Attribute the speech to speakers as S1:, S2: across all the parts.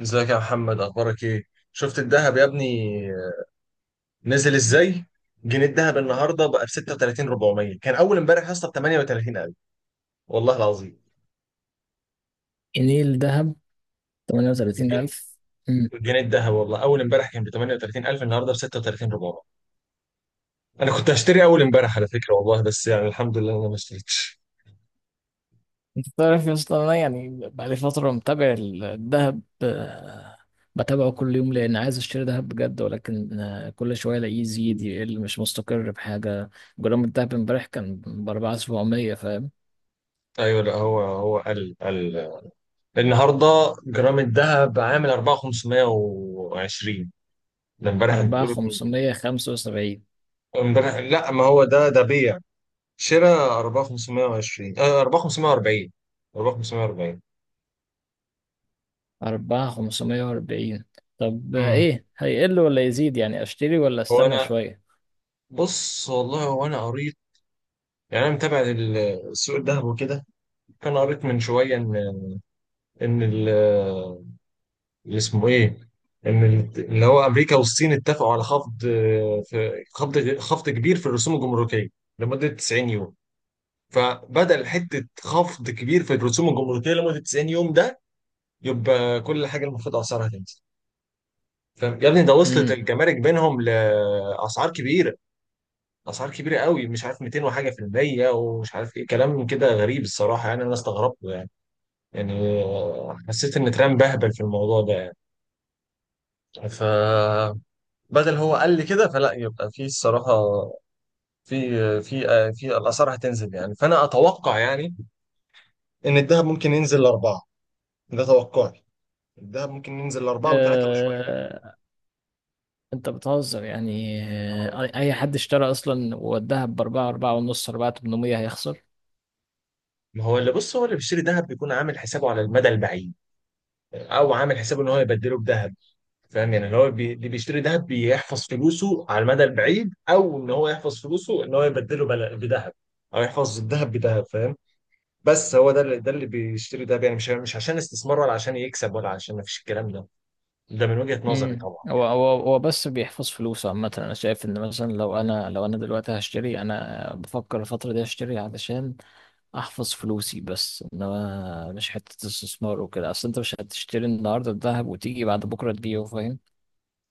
S1: ازيك يا محمد؟ اخبارك ايه؟ شفت الذهب يا ابني؟ نزل ازاي! جنيه الذهب النهارده بقى ب 36 400، كان اول امبارح يا اسطى ب 38,000. والله العظيم.
S2: جنيه دهب؟
S1: الجنيه
S2: 38000؟ امم.
S1: الجنيه الذهب والله اول امبارح كان ب 38,000، النهارده ب 36 400. انا كنت هشتري اول امبارح على فكره والله، بس يعني الحمد لله انا ما اشتريتش.
S2: انت تعرف يا اسطى، انا يعني بقالي فترة متابع الذهب، بتابعه كل يوم لان عايز اشتري ذهب بجد، ولكن كل شوية الاقيه يزيد يقل، مش مستقر بحاجة. جرام الذهب امبارح كان ب 4700، فاهم؟
S1: ايوه، لا هو قل قل. النهارده جرام الذهب عامل 4,520. ده امبارح بتقول؟
S2: 4575.
S1: امبارح؟ لا، ما هو ده بيع. شراء 4,520، آه 4,540. 4,540.
S2: 4540. طب
S1: امم
S2: ايه، هيقل ولا يزيد؟ يعني اشتري ولا
S1: هو
S2: استنى
S1: انا،
S2: شوية؟
S1: بص والله هو انا قريت. يعني انا متابع سوق الذهب وكده. كان قريت من شويه ان ان ال- اللي اسمه ايه ان ال- اللي هو امريكا والصين اتفقوا على خفض، في خفض كبير في الرسوم الجمركيه لمده 90 يوم. فبدل حته خفض كبير في الرسوم الجمركيه لمده 90 يوم ده، يبقى كل حاجه المفروض اسعارها تنزل. فاهم يا ابني؟ ده وصلت الجمارك بينهم لاسعار كبيره، اسعار كبيره قوي. مش عارف 200 وحاجه في المية ومش عارف ايه، كلام كده غريب الصراحه يعني. انا استغربت يعني. يعني حسيت ان ترامب بهبل في الموضوع ده. يعني فبدل، هو قال لي كده فلا يبقى في الصراحه في في في الاسعار هتنزل يعني. فانا اتوقع يعني ان الذهب ممكن ينزل لاربعه. ده توقعي. الذهب ممكن ينزل لاربعه وثلاثه وشويه كده.
S2: امم. انت بتهزر يعني،
S1: آه والله.
S2: اي حد اشترى اصلا ووداها باربعة، اربعة ونص، اربعة 800 هيخسر.
S1: ما هو اللي، بص هو اللي بيشتري ذهب بيكون عامل حسابه على المدى البعيد، او عامل حسابه ان هو يبدله بذهب. فاهم؟ يعني اللي هو بي، اللي بيشتري ذهب بيحفظ فلوسه على المدى البعيد، او ان هو يحفظ فلوسه ان هو يبدله بل، بذهب. او يحفظ الذهب بذهب، فاهم؟ بس هو ده اللي بيشتري ذهب يعني مش عشان استثمار ولا عشان يكسب ولا عشان ما فيش، الكلام ده. ده من وجهة نظري طبعا
S2: هو
S1: يعني.
S2: هو هو بس بيحفظ فلوسه عامة. انا شايف ان مثلا لو انا دلوقتي هشتري، انا بفكر الفترة دي اشتري علشان احفظ فلوسي، بس انما مش حتة استثمار وكده. اصل انت مش هتشتري النهاردة الذهب وتيجي بعد بكرة تبيعه، فاهم؟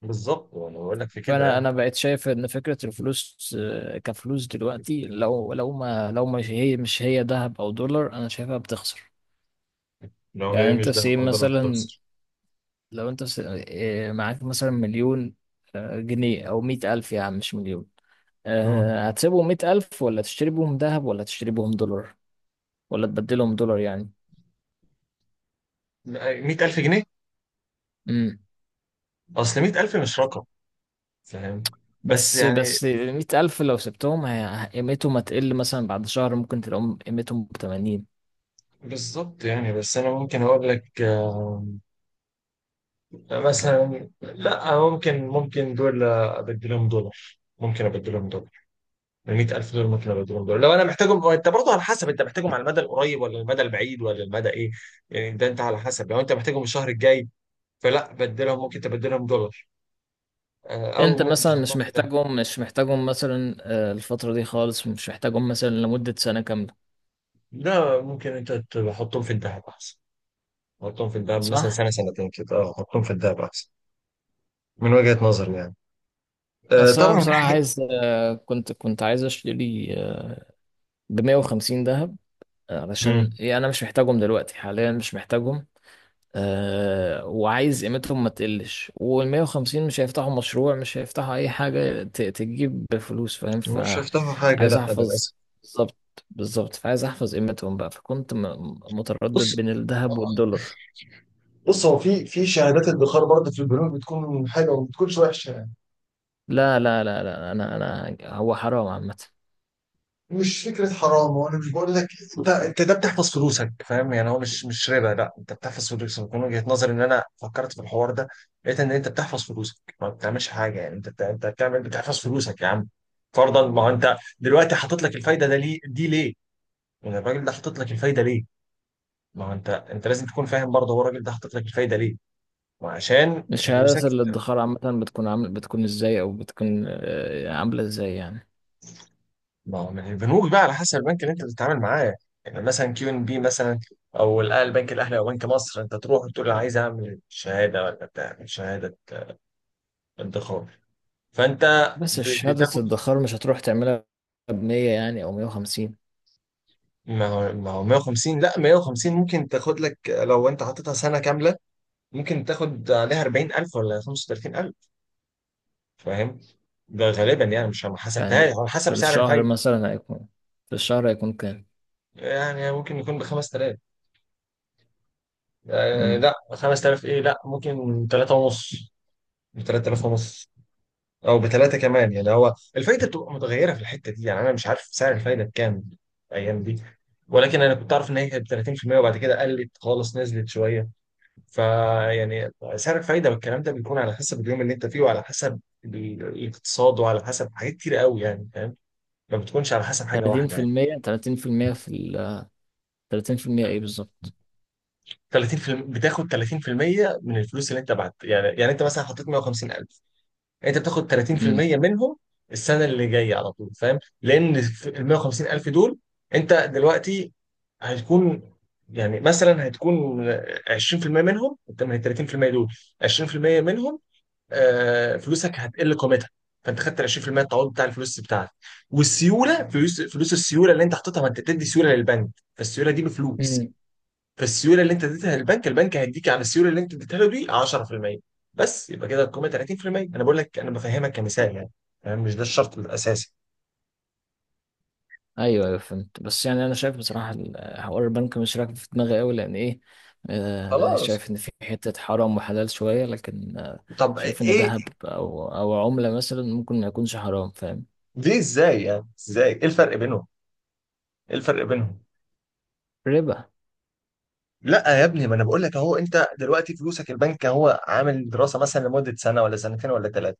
S1: بالظبط، وانا بقول لك في كده
S2: فانا
S1: يعني.
S2: انا بقيت شايف ان فكرة الفلوس، كفلوس دلوقتي، لو مش هي ذهب او دولار، انا شايفها بتخسر.
S1: ان هو
S2: يعني
S1: هي مش
S2: انت
S1: ذهب
S2: سيب
S1: او ده
S2: مثلا،
S1: بتخسر.
S2: لو انت س- إيه، معاك مثلا مليون جنيه، او 100000 يا عم، مش مليون. هتسيبهم 100000، ولا تشتري بهم ذهب، ولا تشتري بهم دولار، ولا تبدلهم دولار يعني؟
S1: 100,000 جنيه؟
S2: امم.
S1: اصل 100,000 مش رقم، فاهم؟ بس
S2: بس
S1: يعني
S2: بس 100000 لو سبتهم، قيمتهم هتقل، مثلا بعد شهر ممكن تلاقيهم قيمتهم بتمانين.
S1: بالظبط يعني. بس انا ممكن اقول لك مثلا، لا ممكن دول ابدلهم دولار. ممكن ابدلهم دولار ب 100,000 دولار. ممكن ابدلهم دولار لو انا محتاجهم. انت برضه على حسب انت محتاجهم على المدى القريب ولا المدى البعيد ولا المدى ايه. يعني ده انت على حسب، لو انت محتاجهم الشهر الجاي فلا بدلهم، ممكن تبدلهم دولار. او
S2: انت
S1: ممكن
S2: مثلا
S1: تحطهم في ده.
S2: مش محتاجهم مثلا الفترة دي خالص، مش محتاجهم مثلا لمدة سنة كاملة،
S1: لا، ممكن انت تحطهم في الذهب احسن. تحطهم في الذهب مثلا
S2: صح؟
S1: سنه سنتين كده، اه حطهم في الذهب احسن. من وجهه نظري يعني.
S2: بس انا
S1: طبعا في
S2: بصراحة
S1: حاجه.
S2: عايز، كنت عايز اشتري ب 150 ذهب. علشان
S1: مم.
S2: إيه، انا مش محتاجهم دلوقتي، حاليا مش محتاجهم. وعايز قيمتهم ما تقلش، وال 150 مش هيفتحوا مشروع، مش هيفتحوا اي حاجة تجيب فلوس، فاهم؟
S1: مش هفتحوا حاجه،
S2: فعايز
S1: لا
S2: احفظ.
S1: للاسف.
S2: بالظبط. بالظبط، فعايز احفظ قيمتهم بقى. فكنت
S1: بص.
S2: متردد بين الذهب والدولار.
S1: بص هو في في شهادات ادخار برضه في البنوك، بتكون حلوه وما بتكونش وحشه يعني.
S2: لا لا لا لا، انا هو حرام عامة.
S1: مش فكره حرام، وانا مش بقول لك. انت ده بتحفظ فلوسك فاهم يعني. هو مش ربا، لا انت بتحفظ فلوسك. من وجهه نظري، ان انا فكرت في الحوار ده لقيت ان انت بتحفظ فلوسك، ما بتعملش حاجه يعني. انت بتعمل، بتحفظ فلوسك يا عم. فرضا ما هو انت دلوقتي حاطط لك الفايده ده ليه دي ليه؟ يعني الراجل ده حاطط لك الفايده ليه؟ ما هو انت لازم تكون فاهم برضه، هو الراجل ده حاطط لك الفايده ليه؟ ما عشان فلوسك.
S2: الشهادات الادخار عامة بتكون ازاي؟ او بتكون عاملة ازاي يعني؟
S1: ما هو من البنوك بقى على حسب البنك اللي انت بتتعامل معاه. يعني مثلا كيو ان بي مثلا، او البنك الاهلي او بنك مصر. انت تروح وتقول انا عايز اعمل شهاده ولا بتاع، شهاده ادخار. فانت
S2: بس شهادة
S1: بتاخد.
S2: الادخار مش هتروح تعملها بمية يعني، أو 150.
S1: ما هو 150، لا 150 ممكن تاخد لك لو انت حاططها سنه كامله. ممكن تاخد عليها 40,000 ولا 35,000، فاهم؟ ده غالبا يعني مش، ما حسبتهاش
S2: يعني
S1: على
S2: في
S1: حسب سعر
S2: الشهر
S1: الفايده.
S2: مثلا هيكون في الشهر هيكون كام؟
S1: يعني ممكن يكون ب 5,000، آه
S2: أمم.
S1: لا 5,000 ايه، لا ممكن 3 ونص. ب 3,000 ونص، او بثلاثه كمان يعني. هو الفايده بتبقى متغيره في الحته دي يعني. انا مش عارف سعر الفايده بكام الايام دي. ولكن انا كنت اعرف ان هي كانت 30%، وبعد كده قلت خالص نزلت شويه. فيعني سعر الفايده والكلام ده بيكون على حسب اليوم اللي انت فيه، وعلى حسب الاقتصاد وعلى حسب حاجات كتير قوي يعني، فاهم؟ ما بتكونش على حسب حاجه
S2: تلاتين
S1: واحده
S2: في
S1: يعني.
S2: المية تلاتين في المية في ال تلاتين في المية إيه بالظبط؟
S1: 30، بتاخد 30% من الفلوس اللي انت بعت يعني. يعني انت مثلا حطيت 150,000، انت بتاخد
S2: أمم.
S1: 30% منهم السنه اللي جايه على طول، فاهم؟ لان ال 150 الف دول، انت دلوقتي هتكون، يعني مثلا هتكون 20% منهم، انت من ال 30% دول 20% منهم، فلوسك هتقل قيمتها. فانت خدت ال 20% التعويض بتاع الفلوس بتاعتك. والسيوله، فلوس، السيوله اللي انت حاططها، ما انت بتدي سيوله للبنك. فالسيوله دي بفلوس.
S2: أمم.
S1: فالسيوله اللي انت اديتها للبنك، البنك هيديك على السيوله اللي انت اديتها له دي 10%. بس يبقى كده القيمه 30%. انا بقول لك انا بفهمك كمثال يعني، فاهم؟ مش ده الشرط الاساسي.
S2: أيوه أيوه، فهمت. بس يعني أنا شايف بصراحة، حوار البنك مش راكب في دماغي أوي، لأن إيه،
S1: خلاص.
S2: شايف إن في حتة حرام وحلال شوية، لكن
S1: طب
S2: شايف إن
S1: ايه؟
S2: دهب أو عملة مثلا ممكن ما يكونش حرام، فاهم؟
S1: ليه؟ ازاي يعني؟ ازاي؟ ايه الفرق بينهم؟ ايه الفرق بينهم؟
S2: ربا.
S1: لا يا ابني، ما انا بقول لك اهو. انت دلوقتي فلوسك البنك هو عامل دراسه مثلا لمده سنه ولا سنتين ولا ثلاثه.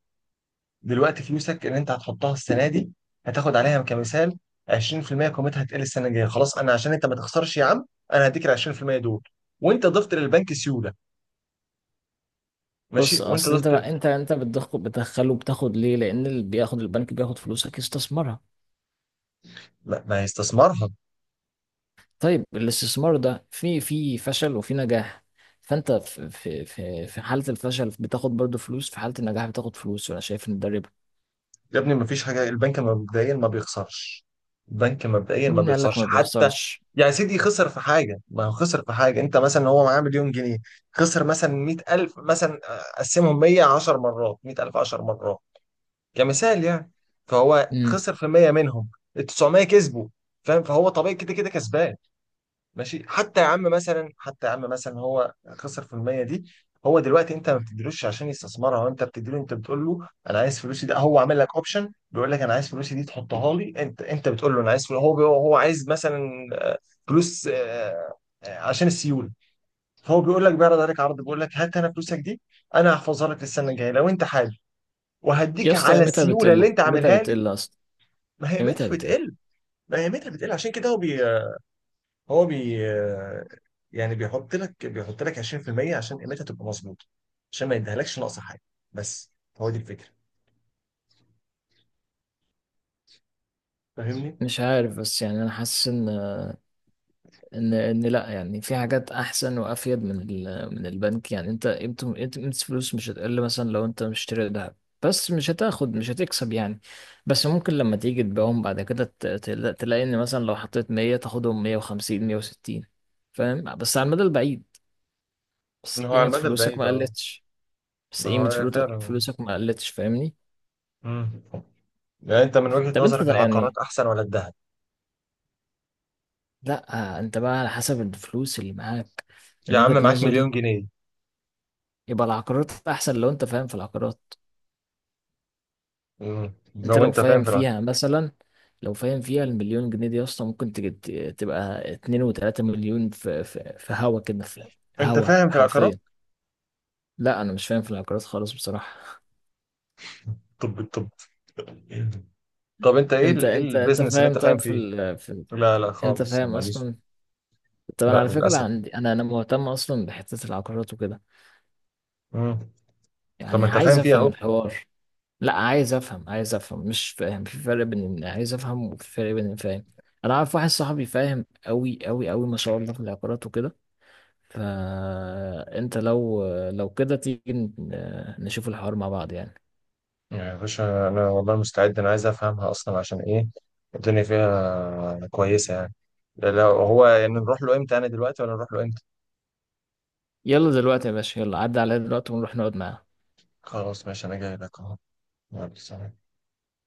S1: دلوقتي فلوسك اللي انت هتحطها السنه دي هتاخد عليها كمثال 20%، قيمتها هتقل السنه الجايه. خلاص، انا عشان انت ما تخسرش يا عم، انا هديك ال 20% دول، وانت ضفت للبنك سيوله. ماشي،
S2: بص،
S1: وانت
S2: اصل
S1: ضفت.
S2: انت بقى انت بتدخله، بتاخد ليه؟ لان اللي بياخد البنك بياخد فلوسك يستثمرها.
S1: لا، ما هيستثمرها.
S2: طيب الاستثمار ده في فشل وفي نجاح، فانت في حالة الفشل بتاخد برضو فلوس، في حالة النجاح بتاخد فلوس، وانا شايف ان ده ربا.
S1: يا ابني ما فيش حاجه، البنك مبدئيا ما بيخسرش. البنك مبدئيا ما
S2: مين قال لك
S1: بيخسرش
S2: ما
S1: حتى.
S2: بيخسرش؟
S1: يعني سيدي خسر في حاجه؟ ما هو خسر في حاجه. انت مثلا هو معاه مليون جنيه، خسر مثلا 100,000 مثلا، قسمهم 100، 10 مرات، 100,000، 10 مرات، كمثال يعني. فهو
S2: امم.
S1: خسر في 100 منهم، ال 900 كسبوا. فاهم؟ فهو طبيعي كده كده كسبان. ماشي، حتى يا عم مثلا هو خسر في المية دي. هو دلوقتي انت ما بتديلوش عشان يستثمرها، وانت بتديله، انت بتقول له انا عايز فلوسي. ده هو عامل لك اوبشن بيقول لك انا عايز فلوسي دي تحطها لي. انت بتقول له انا عايز فلوسي، هو بي، هو عايز مثلا فلوس، عشان السيوله. فهو بيقول لك، بيعرض عليك عرض بيقول لك هات انا فلوسك دي، انا هحفظها لك للسنه الجايه لو انت حابب،
S2: يا
S1: وهديك
S2: اسطى
S1: على
S2: قيمتها
S1: السيوله اللي
S2: بتقل،
S1: انت
S2: قيمتها
S1: عاملها لي.
S2: بتقل اصلا.
S1: ما هي
S2: قيمتها
S1: قيمتها
S2: بتقل.
S1: بتقل. ما هي قيمتها بتقل عشان كده هو بي هو بي يعني بيحط لك 20% عشان قيمتها تبقى مظبوطه، عشان ما يديهالكش ناقصه حاجه بس. هو دي الفكره، فاهمني؟
S2: مش عارف، بس يعني انا حاسس ان، لا يعني، في حاجات احسن وافيد من من البنك. يعني انت قيمه الفلوس مش هتقل، مثلا لو انت مشتري ذهب، بس مش هتكسب يعني. بس ممكن لما تيجي تبيعهم بعد كده تلاقي ان مثلا لو حطيت 100 تاخدهم 150 160، فاهم؟ بس على المدى البعيد. بس
S1: إن هو على
S2: قيمه
S1: المدى
S2: فلوسك
S1: البعيد
S2: ما
S1: اه.
S2: قلتش. بس
S1: ما
S2: قيمه
S1: هو فعلا.
S2: فلوسك ما قلتش، فاهمني؟
S1: مم. يعني انت من وجهة
S2: طب انت
S1: نظرك
S2: ده يعني،
S1: العقارات احسن ولا الذهب؟
S2: لا انت بقى على حسب الفلوس اللي معاك. من
S1: يا عم
S2: وجهة
S1: معاك مليون
S2: نظري،
S1: جنيه.
S2: يبقى العقارات احسن لو انت فاهم في العقارات.
S1: مم.
S2: انت
S1: لو
S2: لو
S1: انت فاهم
S2: فاهم
S1: في العقارات.
S2: فيها مثلا، لو فاهم فيها المليون جنيه دي يا اسطى، ممكن تجد تبقى اتنين وتلاتة مليون في هوا كده، في
S1: انت
S2: هوا
S1: فاهم في العقارات؟
S2: حرفيا. لا انا مش فاهم في العقارات خالص بصراحة.
S1: طب، طب انت ايه
S2: انت
S1: ايه
S2: انت انت
S1: البيزنس اللي
S2: فاهم؟
S1: انت فاهم
S2: طيب
S1: فيه؟ لا لا
S2: انت
S1: خالص، أنا
S2: فاهم
S1: ماليش.
S2: اصلا؟ طب انا
S1: لا
S2: على فكرة
S1: للاسف.
S2: عندي انا مهتم اصلا بحتة العقارات وكده،
S1: مم. طب ما
S2: يعني
S1: انت
S2: عايز
S1: فاهم فيها
S2: افهم
S1: اهو.
S2: الحوار. لا عايز افهم عايز افهم مش فاهم. في فرق بين ان عايز افهم، وفي فرق بين إن فاهم. انا عارف واحد صاحبي فاهم قوي قوي قوي، ما شاء الله، في العقارات وكده. فانت لو كده تيجي نشوف الحوار مع بعض يعني.
S1: يعني يا باشا انا والله مستعد، انا عايز افهمها اصلا. عشان ايه؟ الدنيا فيها كويسه يعني. لو هو يعني نروح له امتى؟ انا دلوقتي ولا نروح له امتى؟
S2: يلا دلوقتي يا باشا، يلا عدى عليا دلوقتي ونروح نقعد معاه.
S1: خلاص ماشي، انا جاي لك اهو. يلا سلام.